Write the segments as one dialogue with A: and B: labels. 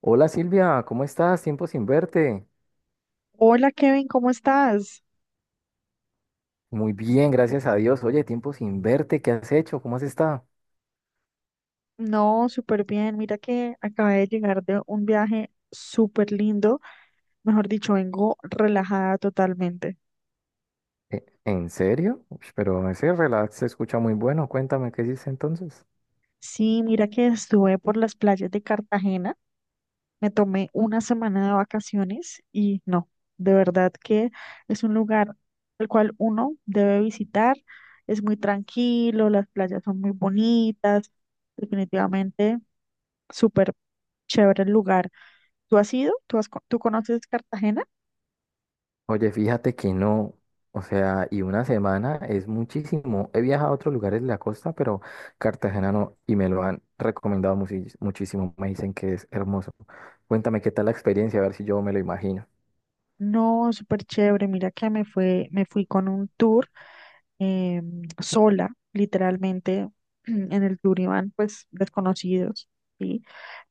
A: Hola Silvia, ¿cómo estás? Tiempo sin verte.
B: Hola Kevin, ¿cómo estás?
A: Muy bien, gracias a Dios. Oye, tiempo sin verte, ¿qué has hecho? ¿Cómo has estado?
B: No, súper bien. Mira que acabé de llegar de un viaje súper lindo. Mejor dicho, vengo relajada totalmente.
A: ¿En serio? Ush, pero ese relax se escucha muy bueno. Cuéntame, ¿qué hiciste entonces?
B: Sí, mira que estuve por las playas de Cartagena. Me tomé una semana de vacaciones y no, de verdad que es un lugar el cual uno debe visitar. Es muy tranquilo, las playas son muy bonitas. Definitivamente, súper chévere el lugar. ¿Tú has ido? ¿Tú conoces Cartagena?
A: Oye, fíjate que no. O sea, y una semana es muchísimo. He viajado a otros lugares de la costa, pero Cartagena no, y me lo han recomendado muchísimo. Me dicen que es hermoso. Cuéntame qué tal la experiencia, a ver si yo me lo imagino.
B: No, súper chévere. Mira que me fui con un tour eh, sola, literalmente. En el tour iban pues desconocidos, ¿sí?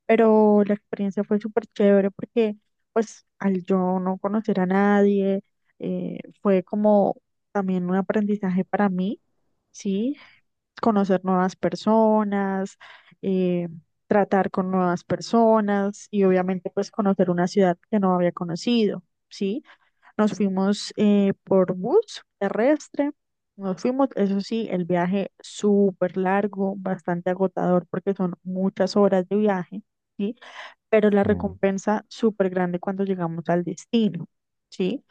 B: Pero la experiencia fue súper chévere porque pues al yo no conocer a nadie, fue como también un aprendizaje para mí, ¿sí? Conocer nuevas personas, eh, tratar con nuevas personas y obviamente pues conocer una ciudad que no había conocido, ¿sí? Nos fuimos por bus terrestre, nos fuimos, eso sí, el viaje súper largo, bastante agotador porque son muchas horas de viaje, ¿sí? Pero la
A: Mm.
B: recompensa súper grande cuando llegamos al destino, ¿sí?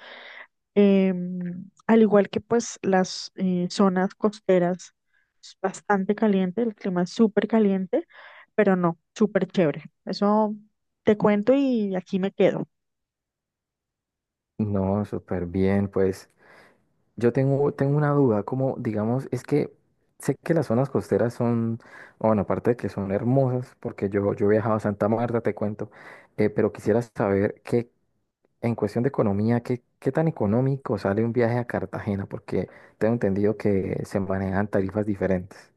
B: Al igual que pues las zonas costeras, es bastante caliente, el clima es súper caliente, pero no, súper chévere. Eso te cuento y aquí me quedo.
A: No, súper bien, pues. Yo tengo una duda, como digamos, es que sé que las zonas costeras son, bueno, aparte de que son hermosas, porque yo he viajado a Santa Marta, te cuento, pero quisiera saber que en cuestión de economía, ¿qué tan económico sale un viaje a Cartagena? Porque tengo entendido que se manejan tarifas diferentes.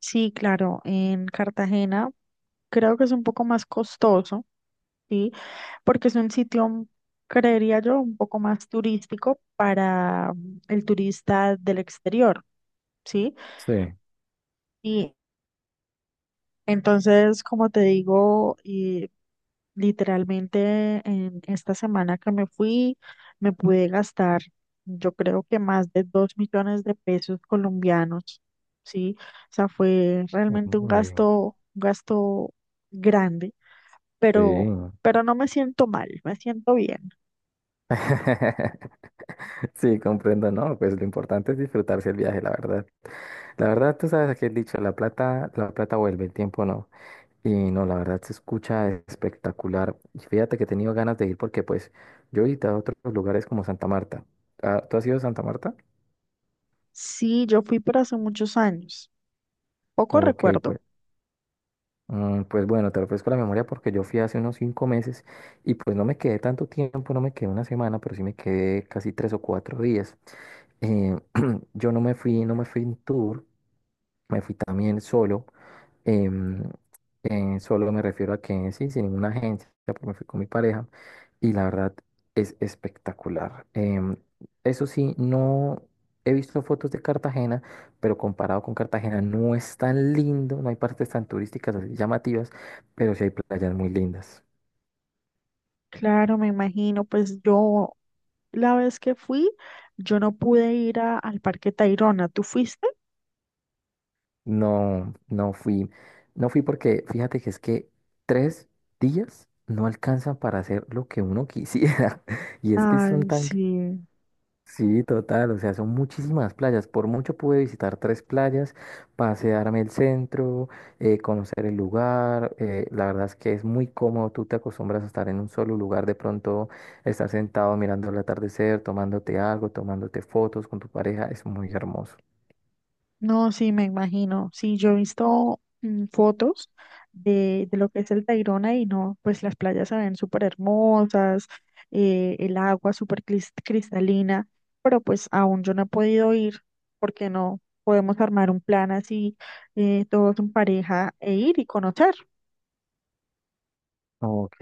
B: Sí, claro, en Cartagena creo que es un poco más costoso. Sí, porque es un sitio, creería yo, un poco más turístico para el turista del exterior, ¿sí?
A: Sí.
B: Entonces, como te digo, y literalmente en esta semana que me fui, me pude gastar, yo creo que más de 2 millones de pesos colombianos, ¿sí? O sea, fue realmente
A: Uy,
B: un gasto grande,
A: sí.
B: pero, no me siento mal, me siento bien.
A: Sí, comprendo, ¿no? Pues lo importante es disfrutarse el viaje, la verdad. La verdad, tú sabes aquel dicho, la plata vuelve, el tiempo no. Y no, la verdad se escucha espectacular. Y fíjate que he tenido ganas de ir porque pues yo he visitado otros lugares como Santa Marta. Ah, ¿tú has ido a Santa Marta?
B: Sí, yo fui, pero hace muchos años. Poco
A: Ok,
B: recuerdo.
A: pues, pues bueno, te refresco la memoria porque yo fui hace unos 5 meses y pues no me quedé tanto tiempo, no me quedé una semana, pero sí me quedé casi 3 o 4 días. Eh, yo no me fui en tour, me fui también solo. Em, Solo me refiero a que sí, sin ninguna agencia, porque me fui con mi pareja y la verdad es espectacular. Eso sí, no he visto fotos de Cartagena, pero comparado con Cartagena no es tan lindo, no hay partes tan turísticas así llamativas, pero sí hay playas muy lindas.
B: Claro, me imagino, pues yo la vez que fui, yo no pude ir al Parque Tayrona. ¿Tú fuiste?
A: No, no fui porque fíjate que es que 3 días no alcanzan para hacer lo que uno quisiera. Y es que son
B: Ay,
A: tan...
B: sí.
A: Sí, total, o sea, son muchísimas playas. Por mucho pude visitar tres playas, pasearme el centro, conocer el lugar. La verdad es que es muy cómodo, tú te acostumbras a estar en un solo lugar, de pronto estar sentado mirando el atardecer, tomándote algo, tomándote fotos con tu pareja, es muy hermoso.
B: No, sí, me imagino. Sí, yo he visto fotos de lo que es el Tayrona y no, pues las playas se ven súper hermosas, el agua súper cristalina, pero pues aún yo no he podido ir porque no podemos armar un plan así, todos en pareja e ir y conocer.
A: Ok,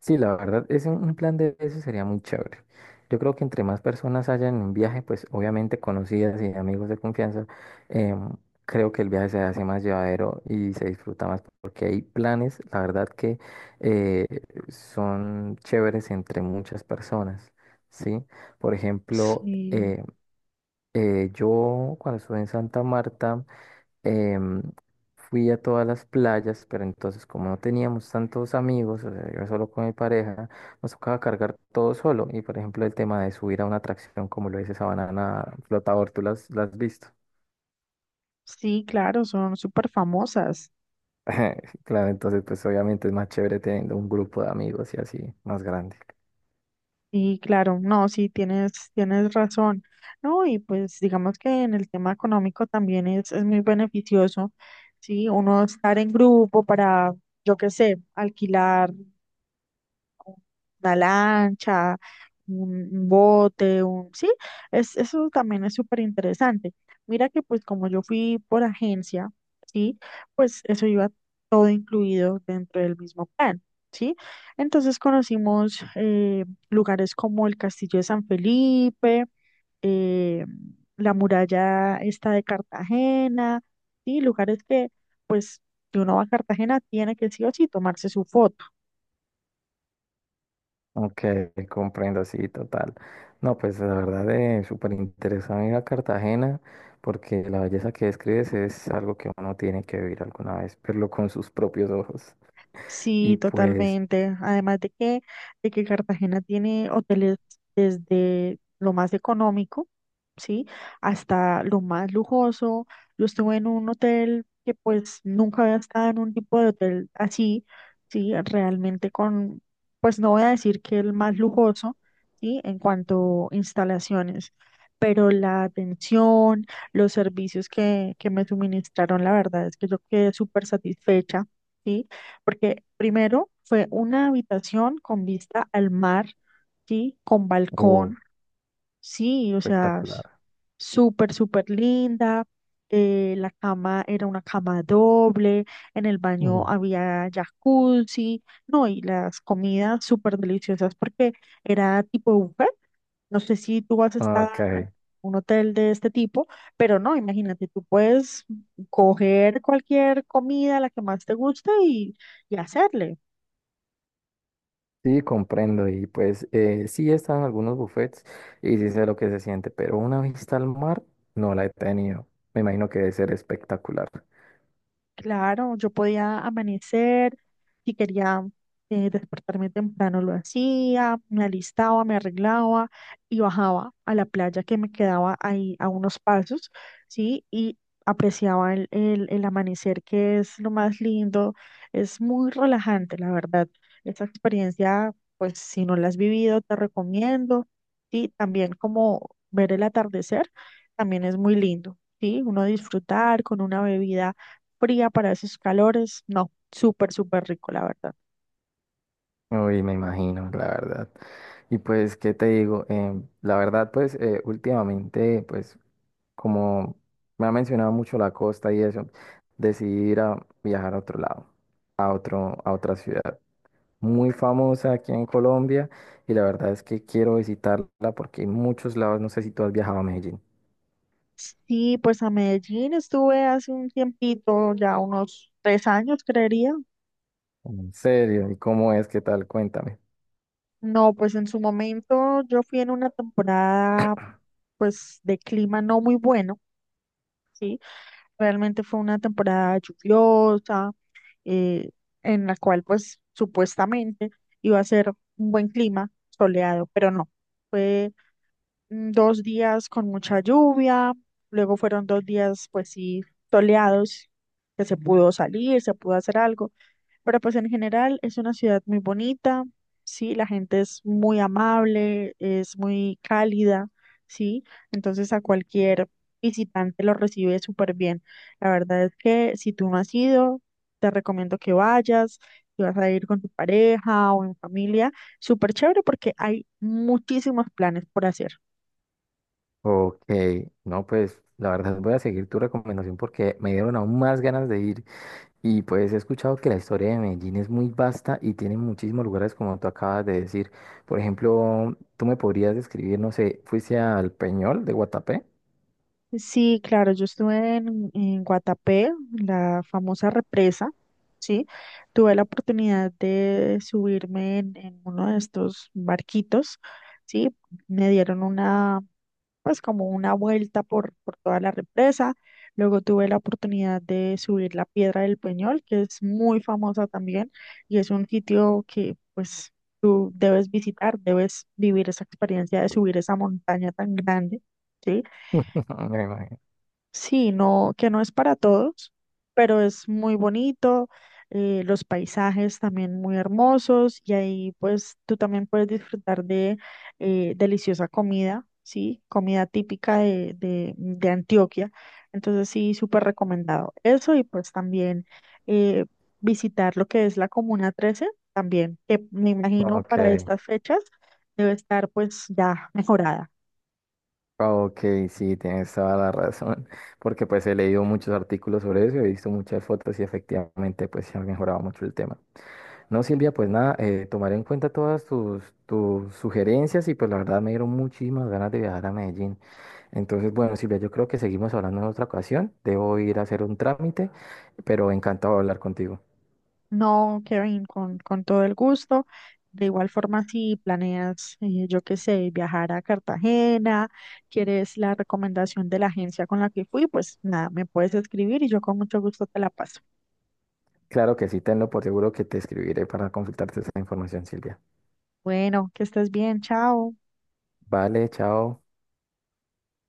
A: sí, la verdad, es un plan de eso sería muy chévere. Yo creo que entre más personas hayan en un viaje, pues obviamente conocidas y amigos de confianza, em, creo que el viaje se hace más llevadero y se disfruta más porque hay planes, la verdad, que eh, son chéveres entre muchas personas, ¿sí? Por ejemplo,
B: Sí,
A: yo cuando estuve en Santa Marta, em, fui a todas las playas, pero entonces como no teníamos tantos amigos, o sea, iba solo con mi pareja, nos tocaba cargar todo solo. Y por ejemplo, el tema de subir a una atracción como lo dice esa banana flotador, tú las has visto.
B: sí, claro, son súper famosas.
A: Claro, entonces pues obviamente es más chévere teniendo un grupo de amigos y así, más grande.
B: Sí, claro, no, sí, tienes razón. No, y pues digamos que en el tema económico también es muy beneficioso, sí, uno estar en grupo para, yo qué sé, alquilar una lancha, un bote. Sí, eso también es súper interesante. Mira que pues como yo fui por agencia, ¿sí? Pues eso iba todo incluido dentro del mismo plan, ¿sí? Entonces conocimos lugares como el Castillo de San Felipe, eh, la muralla esta de Cartagena, ¿sí? Lugares que pues si uno va a Cartagena tiene que sí o sí tomarse su foto.
A: Ok, comprendo, sí, total. No, pues la verdad es súper interesante ir a Cartagena porque la belleza que describes es algo que uno tiene que vivir alguna vez, verlo con sus propios ojos. Y
B: Sí,
A: pues,
B: totalmente. Además de que Cartagena tiene hoteles desde lo más económico, ¿sí? Hasta lo más lujoso. Yo estuve en un hotel que pues nunca había estado en un tipo de hotel así, ¿sí? Realmente con, pues no voy a decir que el más lujoso, ¿sí? En cuanto a instalaciones, pero la atención, los servicios que me suministraron, la verdad es que yo quedé súper satisfecha. ¿Sí? Porque primero fue una habitación con vista al mar, ¿sí? Con
A: uf,
B: balcón, sí, o sea,
A: espectacular.
B: súper, súper linda. La cama era una cama doble, en el baño
A: Ujú.
B: había jacuzzi, no, y las comidas súper deliciosas porque era tipo buffet. No sé si tú has estado
A: Ok,
B: en un hotel de este tipo, pero no, imagínate, tú puedes coger cualquier comida, la que más te gusta y hacerle.
A: sí, comprendo. Y pues, sí están algunos buffets y sí sé lo que se siente, pero una vista al mar no la he tenido. Me imagino que debe ser espectacular.
B: Claro, yo podía amanecer, si quería despertarme temprano lo hacía, me alistaba, me arreglaba y bajaba a la playa que me quedaba ahí a unos pasos, ¿sí? Y apreciaba el amanecer, que es lo más lindo, es muy relajante, la verdad. Esa experiencia, pues si no la has vivido, te recomiendo, y también como ver el atardecer, también es muy lindo, ¿sí? Uno disfrutar con una bebida fría para esos calores. No, súper, súper rico, la verdad.
A: Uy, me imagino, la verdad. Y pues, ¿qué te digo? La verdad, pues, últimamente, pues, como me ha mencionado mucho la costa y eso, decidí ir a viajar a otro lado, a otra ciudad muy famosa aquí en Colombia y la verdad es que quiero visitarla porque hay muchos lados, no sé si tú has viajado a Medellín.
B: Sí, pues a Medellín estuve hace un tiempito, ya unos 3 años, creería.
A: En serio, ¿y cómo es? ¿Qué tal? Cuéntame.
B: No, pues en su momento yo fui en una temporada, pues de clima no muy bueno, ¿sí? Realmente fue una temporada lluviosa, eh, en la cual pues supuestamente iba a ser un buen clima soleado, pero no. Fue 2 días con mucha lluvia, luego fueron 2 días, pues sí, soleados, que se pudo salir, se pudo hacer algo, pero pues en general es una ciudad muy bonita, sí, la gente es muy amable, es muy cálida, sí, entonces a cualquier visitante lo recibe súper bien. La verdad es que si tú no has ido, te recomiendo que vayas. Si vas a ir con tu pareja o en familia, súper chévere porque hay muchísimos planes por hacer.
A: Ok, no, pues la verdad voy a seguir tu recomendación porque me dieron aún más ganas de ir. Y pues he escuchado que la historia de Medellín es muy vasta y tiene muchísimos lugares como tú acabas de decir. Por ejemplo, tú me podrías describir, no sé, ¿fuiste al Peñol de Guatapé?
B: Sí, claro, yo estuve en Guatapé, la famosa represa, ¿sí? Tuve la oportunidad de subirme en uno de estos barquitos, ¿sí? Me dieron una, pues como una vuelta por toda la represa. Luego tuve la oportunidad de subir la Piedra del Peñol, que es muy famosa también y es un sitio que, pues, tú debes visitar, debes vivir esa experiencia de subir esa montaña tan grande, ¿sí?
A: Me imagino.
B: Sí, no, que no es para todos, pero es muy bonito, los paisajes también muy hermosos y ahí pues tú también puedes disfrutar de deliciosa comida, ¿sí? Comida típica de Antioquia. Entonces sí, súper recomendado. Eso y pues también eh, visitar lo que es la Comuna 13 también, que me imagino
A: Ok,
B: para estas fechas debe estar pues ya mejorada.
A: ok, sí, tienes toda la razón, porque pues he leído muchos artículos sobre eso, he visto muchas fotos y efectivamente pues se ha mejorado mucho el tema. No, Silvia, pues nada, tomaré en cuenta todas tus sugerencias y pues la verdad me dieron muchísimas ganas de viajar a Medellín. Entonces, bueno, Silvia, yo creo que seguimos hablando en otra ocasión. Debo ir a hacer un trámite, pero encantado de hablar contigo.
B: No, Kevin, con todo el gusto. De igual forma, si planeas, yo qué sé, viajar a Cartagena, quieres la recomendación de la agencia con la que fui, pues nada, me puedes escribir y yo con mucho gusto te la paso.
A: Claro que sí, tenlo por seguro que te escribiré para consultarte esa información, Silvia.
B: Bueno, que estés bien, chao.
A: Vale, chao.